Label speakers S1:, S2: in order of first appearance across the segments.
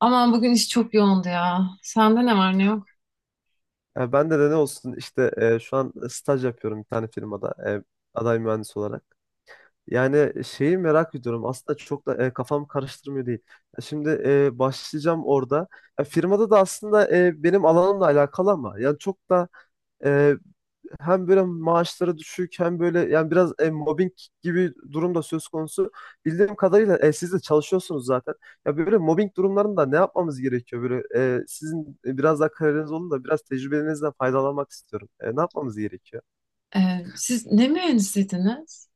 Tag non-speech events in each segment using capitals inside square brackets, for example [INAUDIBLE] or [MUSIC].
S1: Aman bugün iş çok yoğundu ya. Sende ne var ne yok?
S2: Ya ben de ne olsun işte şu an staj yapıyorum bir tane firmada aday mühendis olarak. Yani şeyi merak ediyorum aslında çok da kafam karıştırmıyor değil. Ya şimdi başlayacağım orada. Ya firmada da aslında benim alanımla alakalı ama yani çok da e, hem böyle maaşları düşük hem böyle yani biraz mobbing gibi durum da söz konusu. Bildiğim kadarıyla siz de çalışıyorsunuz zaten. Ya böyle mobbing durumlarında ne yapmamız gerekiyor? Böyle sizin biraz daha kararınız olun da biraz tecrübenizden faydalanmak istiyorum. Ne yapmamız gerekiyor?
S1: Siz ne mühendisiydiniz?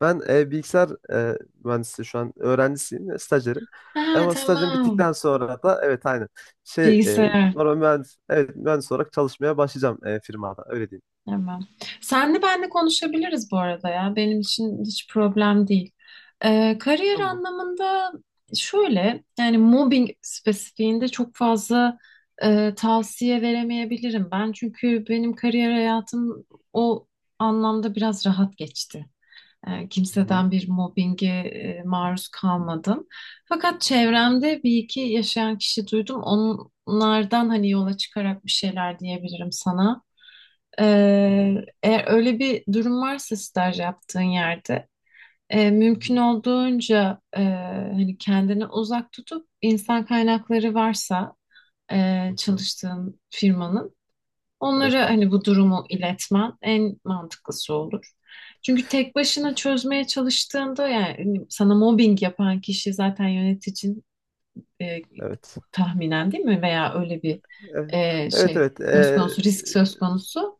S2: Ben bilgisayar mühendisi şu an öğrencisiyim, stajyerim.
S1: Ha
S2: Ama stajım
S1: tamam.
S2: bittikten sonra da evet aynen şey
S1: Bilgisayar.
S2: normal mühendis, evet, mühendis olarak çalışmaya başlayacağım firmada öyle diyeyim.
S1: Tamam. Senle benle konuşabiliriz bu arada ya. Benim için hiç problem değil. Kariyer
S2: Tamam.
S1: anlamında şöyle yani mobbing spesifiğinde çok fazla tavsiye veremeyebilirim ben. Çünkü benim kariyer hayatım o anlamda biraz rahat geçti.
S2: Hı hı,
S1: Kimseden bir mobbinge maruz kalmadım. Fakat çevremde bir iki yaşayan kişi duydum. Onlardan hani yola çıkarak bir şeyler diyebilirim sana. E,
S2: hı hı,
S1: Eğer öyle bir durum varsa staj yaptığın yerde
S2: hı
S1: mümkün
S2: hı.
S1: olduğunca hani kendini uzak tutup insan kaynakları varsa
S2: Hı hı.
S1: çalıştığın firmanın
S2: Evet
S1: onlara
S2: var.
S1: hani bu durumu iletmen en mantıklısı olur. Çünkü tek başına çözmeye çalıştığında yani hani, sana mobbing yapan kişi zaten yöneticin e,
S2: Evet.
S1: tahminen değil mi? Veya öyle bir
S2: Evet
S1: şey
S2: evet. evet.
S1: söz konusu, risk söz konusu.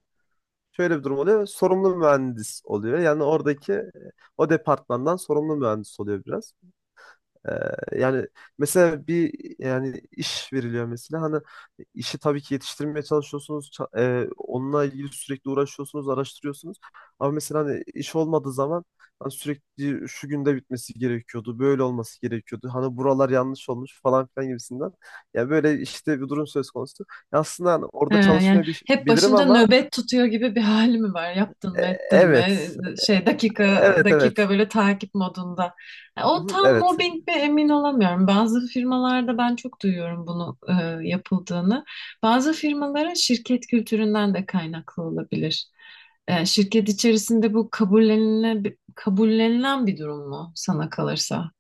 S2: Şöyle bir durum oluyor. Sorumlu mühendis oluyor. Yani oradaki o departmandan sorumlu mühendis oluyor biraz. Yani mesela bir, iş veriliyor mesela hani işi tabii ki yetiştirmeye çalışıyorsunuz onunla ilgili sürekli uğraşıyorsunuz araştırıyorsunuz ama mesela hani iş olmadığı zaman hani sürekli şu günde bitmesi gerekiyordu böyle olması gerekiyordu hani buralar yanlış olmuş falan filan gibisinden ya böyle işte bir durum söz konusu. Ya aslında hani
S1: He,
S2: orada
S1: yani
S2: çalışmayı
S1: hep
S2: bilirim
S1: başında
S2: ama
S1: nöbet tutuyor gibi bir hali mi var? Yaptın
S2: e,
S1: mı, ettin mi?
S2: evet
S1: Şey dakika
S2: evet evet
S1: dakika böyle takip modunda. Ya
S2: Hı
S1: o
S2: hı,
S1: tam
S2: evet.
S1: mobbing mi emin olamıyorum. Bazı firmalarda ben çok duyuyorum bunu yapıldığını. Bazı firmaların şirket kültüründen de kaynaklı olabilir. Şirket içerisinde bu kabullenilen bir durum mu sana kalırsa?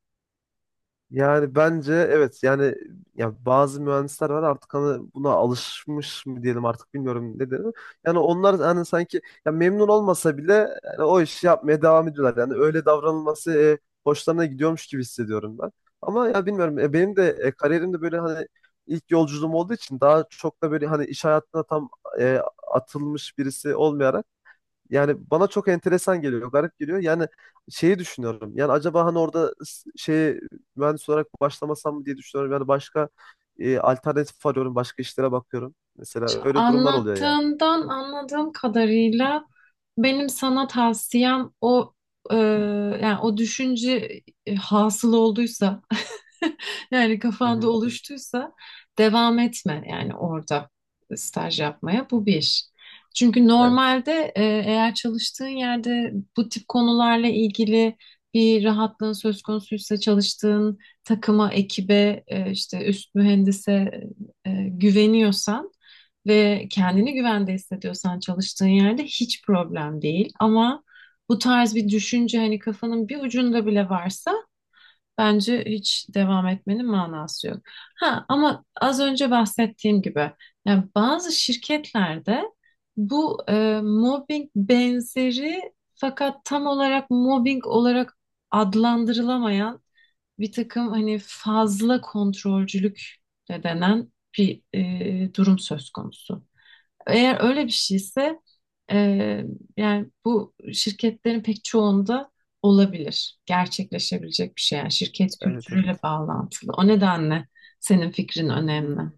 S2: Yani bence evet yani ya bazı mühendisler var artık hani buna alışmış mı diyelim artık bilmiyorum ne dedim. Yani onlar hani sanki ya memnun olmasa bile yani o işi yapmaya devam ediyorlar. Yani öyle davranılması hoşlarına gidiyormuş gibi hissediyorum ben. Ama ya bilmiyorum benim de kariyerimde böyle hani ilk yolculuğum olduğu için daha çok da böyle hani iş hayatına tam e, atılmış birisi olmayarak yani bana çok enteresan geliyor, garip geliyor. Yani şeyi düşünüyorum. Yani acaba hani orada şey mühendis olarak başlamasam mı diye düşünüyorum. Yani başka alternatif arıyorum, başka işlere bakıyorum. Mesela öyle durumlar oluyor yani.
S1: Anlattığından anladığım kadarıyla benim sana tavsiyem o e, yani o düşünce hasıl olduysa [LAUGHS] Yani
S2: Hı
S1: kafanda
S2: hı.
S1: oluştuysa devam etme yani orada staj yapmaya bu bir. Çünkü
S2: Evet.
S1: normalde eğer çalıştığın yerde bu tip konularla ilgili bir rahatlığın söz konusuysa çalıştığın takıma, ekibe, işte üst mühendise güveniyorsan ve
S2: Hı hı.
S1: kendini güvende hissediyorsan çalıştığın yerde hiç problem değil. Ama bu tarz bir düşünce hani kafanın bir ucunda bile varsa bence hiç devam etmenin manası yok. Ha ama az önce bahsettiğim gibi yani bazı şirketlerde bu mobbing benzeri fakat tam olarak mobbing olarak adlandırılamayan bir takım hani fazla kontrolcülük de denen bir durum söz konusu. Eğer öyle bir şeyse eee, yani bu şirketlerin pek çoğunda olabilir, gerçekleşebilecek bir şey. Yani şirket
S2: Evet,
S1: kültürüyle
S2: evet.
S1: bağlantılı. O nedenle senin fikrin
S2: Hı
S1: önemli.
S2: hı.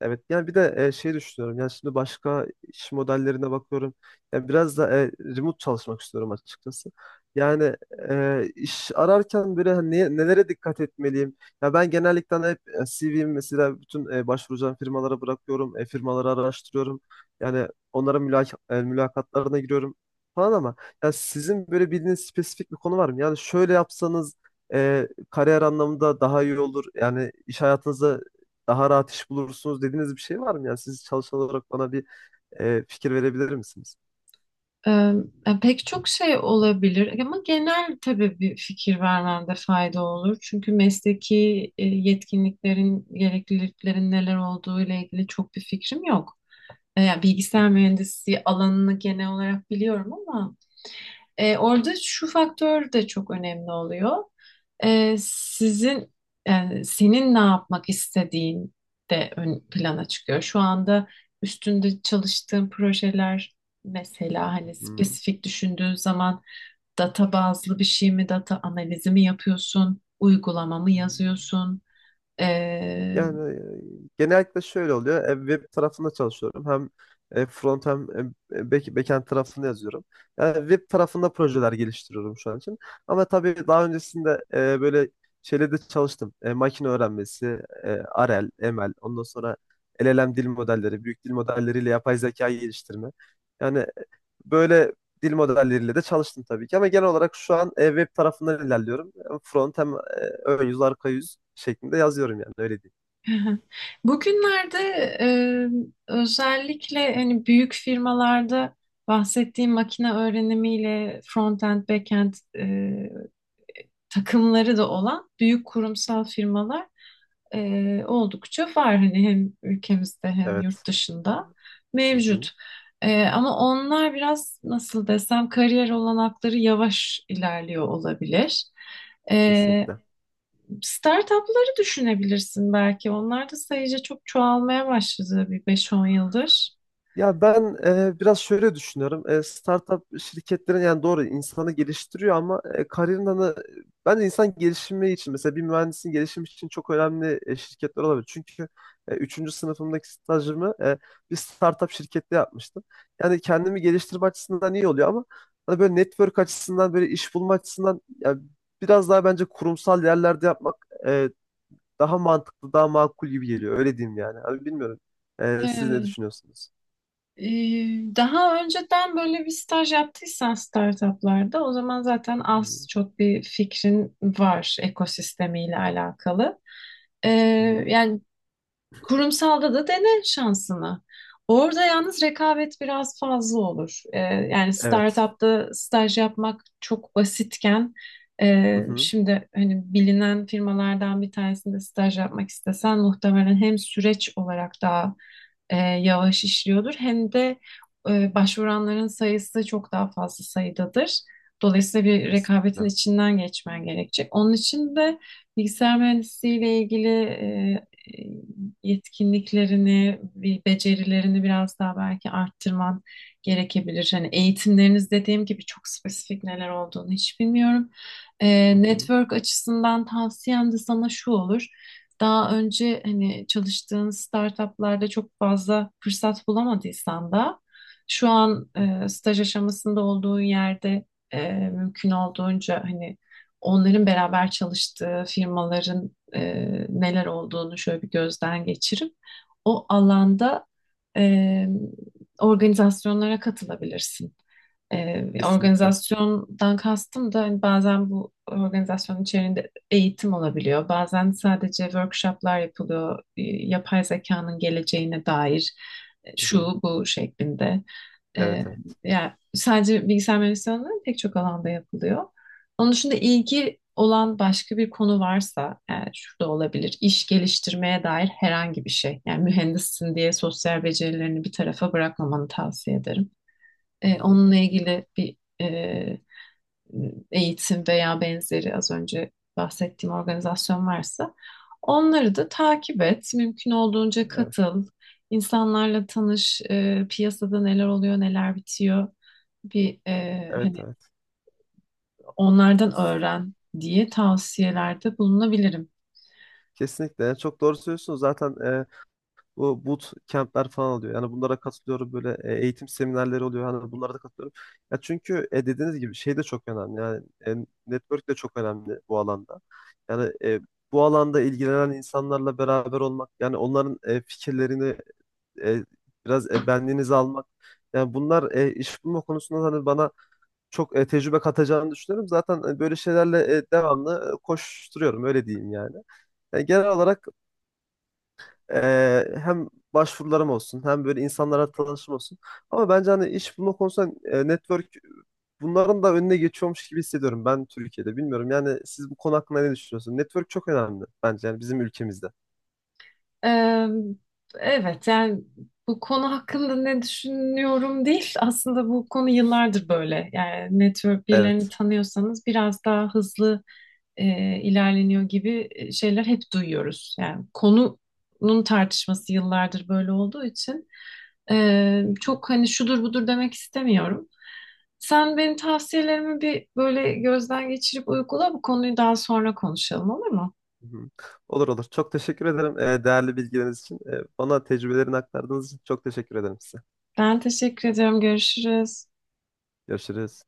S2: Evet yani bir de şey düşünüyorum yani şimdi başka iş modellerine bakıyorum yani biraz da remote çalışmak istiyorum açıkçası yani iş ararken böyle hani nelere dikkat etmeliyim, ya ben genellikle hani hep CV'mi mesela bütün başvuracağım firmalara bırakıyorum, firmaları araştırıyorum yani onlara mülakatlarına giriyorum falan. Ama ya sizin böyle bildiğiniz spesifik bir konu var mı, yani şöyle yapsanız kariyer anlamında daha iyi olur, yani iş hayatınızda daha rahat iş bulursunuz dediğiniz bir şey var mı? Yani siz çalışan olarak bana bir fikir verebilir misiniz?
S1: Eee, yani pek çok şey olabilir ama genel tabii bir fikir vermemde fayda olur. Çünkü mesleki yetkinliklerin, gerekliliklerin neler olduğu ile ilgili çok bir fikrim yok. Yani bilgisayar
S2: [LAUGHS]
S1: mühendisliği alanını genel olarak biliyorum ama orada şu faktör de çok önemli oluyor. Sizin yani senin ne yapmak istediğin de ön plana çıkıyor. Şu anda üstünde çalıştığın projeler mesela
S2: Hı
S1: hani
S2: hı, hı
S1: spesifik düşündüğün zaman data bazlı bir şey mi, data analizi mi yapıyorsun, uygulama mı
S2: hı, hı hı.
S1: yazıyorsun? e,
S2: Yani genellikle şöyle oluyor. E, web tarafında çalışıyorum. Hem front hem backend tarafında yazıyorum. Yani web tarafında projeler geliştiriyorum şu an için. Ama tabii daha öncesinde böyle şeylerde çalıştım. E, makine öğrenmesi, e, R L, M L. Ondan sonra L L M dil modelleri, büyük dil modelleriyle yapay zeka geliştirme. Yani böyle dil modelleriyle de çalıştım tabii ki. Ama genel olarak şu an web tarafından ilerliyorum. Hem front hem ön yüz, arka yüz şeklinde yazıyorum yani öyle.
S1: [LAUGHS] Bugünlerde e, özellikle hani büyük firmalarda bahsettiğim makine öğrenimiyle front-end, back-end takımları da olan büyük kurumsal firmalar oldukça var. Hani hem ülkemizde hem
S2: Evet.
S1: yurt dışında
S2: Hı hı,
S1: mevcut. Ama onlar biraz nasıl desem kariyer olanakları yavaş ilerliyor olabilir. E,
S2: kesinlikle.
S1: Startupları düşünebilirsin belki. Onlar da sayıca çok çoğalmaya başladı bir beş on yıldır.
S2: Ya ben biraz şöyle düşünüyorum. E, startup şirketlerin yani doğru insanı geliştiriyor ama kariyerin hani bence insan gelişimi için mesela bir mühendisin gelişimi için çok önemli şirketler olabilir. Çünkü üçüncü sınıfımdaki stajımı bir startup şirkette yapmıştım. Yani kendimi geliştirme açısından iyi oluyor ama hani böyle network açısından böyle iş bulma açısından ya biraz daha bence kurumsal yerlerde yapmak e, daha mantıklı, daha makul gibi geliyor. Öyle diyeyim yani. Abi bilmiyorum. Siz ne
S1: Ee,
S2: düşünüyorsunuz?
S1: e, daha önceden böyle bir staj yaptıysan startuplarda o zaman zaten
S2: Hı hı.
S1: az çok bir fikrin var ekosistemiyle alakalı. Ee,
S2: Hı hı.
S1: yani kurumsalda da dene şansını. Orada yalnız rekabet biraz fazla olur. Yani
S2: Evet.
S1: startupta staj yapmak çok basitken
S2: Hı hı.
S1: şimdi hani bilinen firmalardan bir tanesinde staj yapmak istesen muhtemelen hem süreç olarak daha yavaş işliyordur hem de başvuranların sayısı çok daha fazla sayıdadır. Dolayısıyla bir rekabetin
S2: Kesinlikle.
S1: içinden geçmen gerekecek. Onun için de bilgisayar mühendisliği ile ilgili e, yetkinliklerini, bir becerilerini biraz daha belki arttırman gerekebilir. Hani eğitimleriniz dediğim gibi çok spesifik neler olduğunu hiç bilmiyorum.
S2: Hı
S1: Ee,
S2: hı.
S1: network açısından tavsiyem de sana şu olur. Daha önce hani çalıştığın startuplarda çok fazla fırsat bulamadıysan da şu an
S2: Hı hı.
S1: staj aşamasında olduğun yerde mümkün olduğunca hani onların beraber çalıştığı firmaların e, neler olduğunu şöyle bir gözden geçirip o alanda e, organizasyonlara katılabilirsin. E,
S2: Kesinlikle.
S1: organizasyondan kastım da hani bazen bu organizasyonun içerisinde eğitim olabiliyor. Bazen sadece workshoplar yapılıyor. Yapay zekanın geleceğine dair
S2: Hı
S1: şu
S2: hı.
S1: bu şeklinde. Ee,
S2: Evet, evet.
S1: yani sadece bilgisayar mühendisliği alanında pek çok alanda yapılıyor. Onun dışında ilgi olan başka bir konu varsa yani şurada olabilir. İş geliştirmeye dair herhangi bir şey. Yani mühendissin diye sosyal becerilerini bir tarafa bırakmamanı tavsiye ederim.
S2: Hı
S1: Ee,
S2: hı.
S1: onunla ilgili bir e, eğitim veya benzeri az önce bahsettiğim organizasyon varsa onları da takip et. Mümkün olduğunca
S2: Evet.
S1: katıl. İnsanlarla tanış, piyasada neler oluyor, neler bitiyor bir hani
S2: Evet, evet.
S1: onlardan öğren diye tavsiyelerde bulunabilirim.
S2: Kesinlikle. Yani çok doğru söylüyorsunuz. Zaten bu boot camp'ler falan oluyor. Yani bunlara katılıyorum, böyle eğitim seminerleri oluyor. Hani bunlara da katılıyorum. Ya çünkü dediğiniz gibi şey de çok önemli. Yani network de çok önemli bu alanda. Yani bu alanda ilgilenen insanlarla beraber olmak, yani onların fikirlerini e, biraz benliğinizi almak. Yani bunlar iş bulma konusunda hani bana çok tecrübe katacağını düşünüyorum. Zaten böyle şeylerle devamlı koşturuyorum öyle diyeyim yani. Yani genel olarak hem başvurularım olsun hem böyle insanlara tanışım olsun. Ama bence hani iş bulma konusunda network bunların da önüne geçiyormuş gibi hissediyorum ben Türkiye'de. Bilmiyorum yani siz bu konu hakkında ne düşünüyorsunuz? Network çok önemli bence yani bizim ülkemizde.
S1: Ee, evet yani bu konu hakkında ne düşünüyorum değil. Aslında bu konu yıllardır böyle. Yani network birilerini
S2: Evet.
S1: tanıyorsanız biraz daha hızlı ilerleniyor gibi şeyler hep duyuyoruz. Yani konunun tartışması yıllardır böyle olduğu için çok hani şudur budur demek istemiyorum. Sen benim tavsiyelerimi bir böyle gözden geçirip uygula bu konuyu daha sonra konuşalım olur mu?
S2: Hı hı. Olur olur. Çok teşekkür ederim değerli bilgileriniz için. E, bana tecrübelerini aktardığınız için çok teşekkür ederim size.
S1: Ben teşekkür ediyorum. Görüşürüz.
S2: Görüşürüz.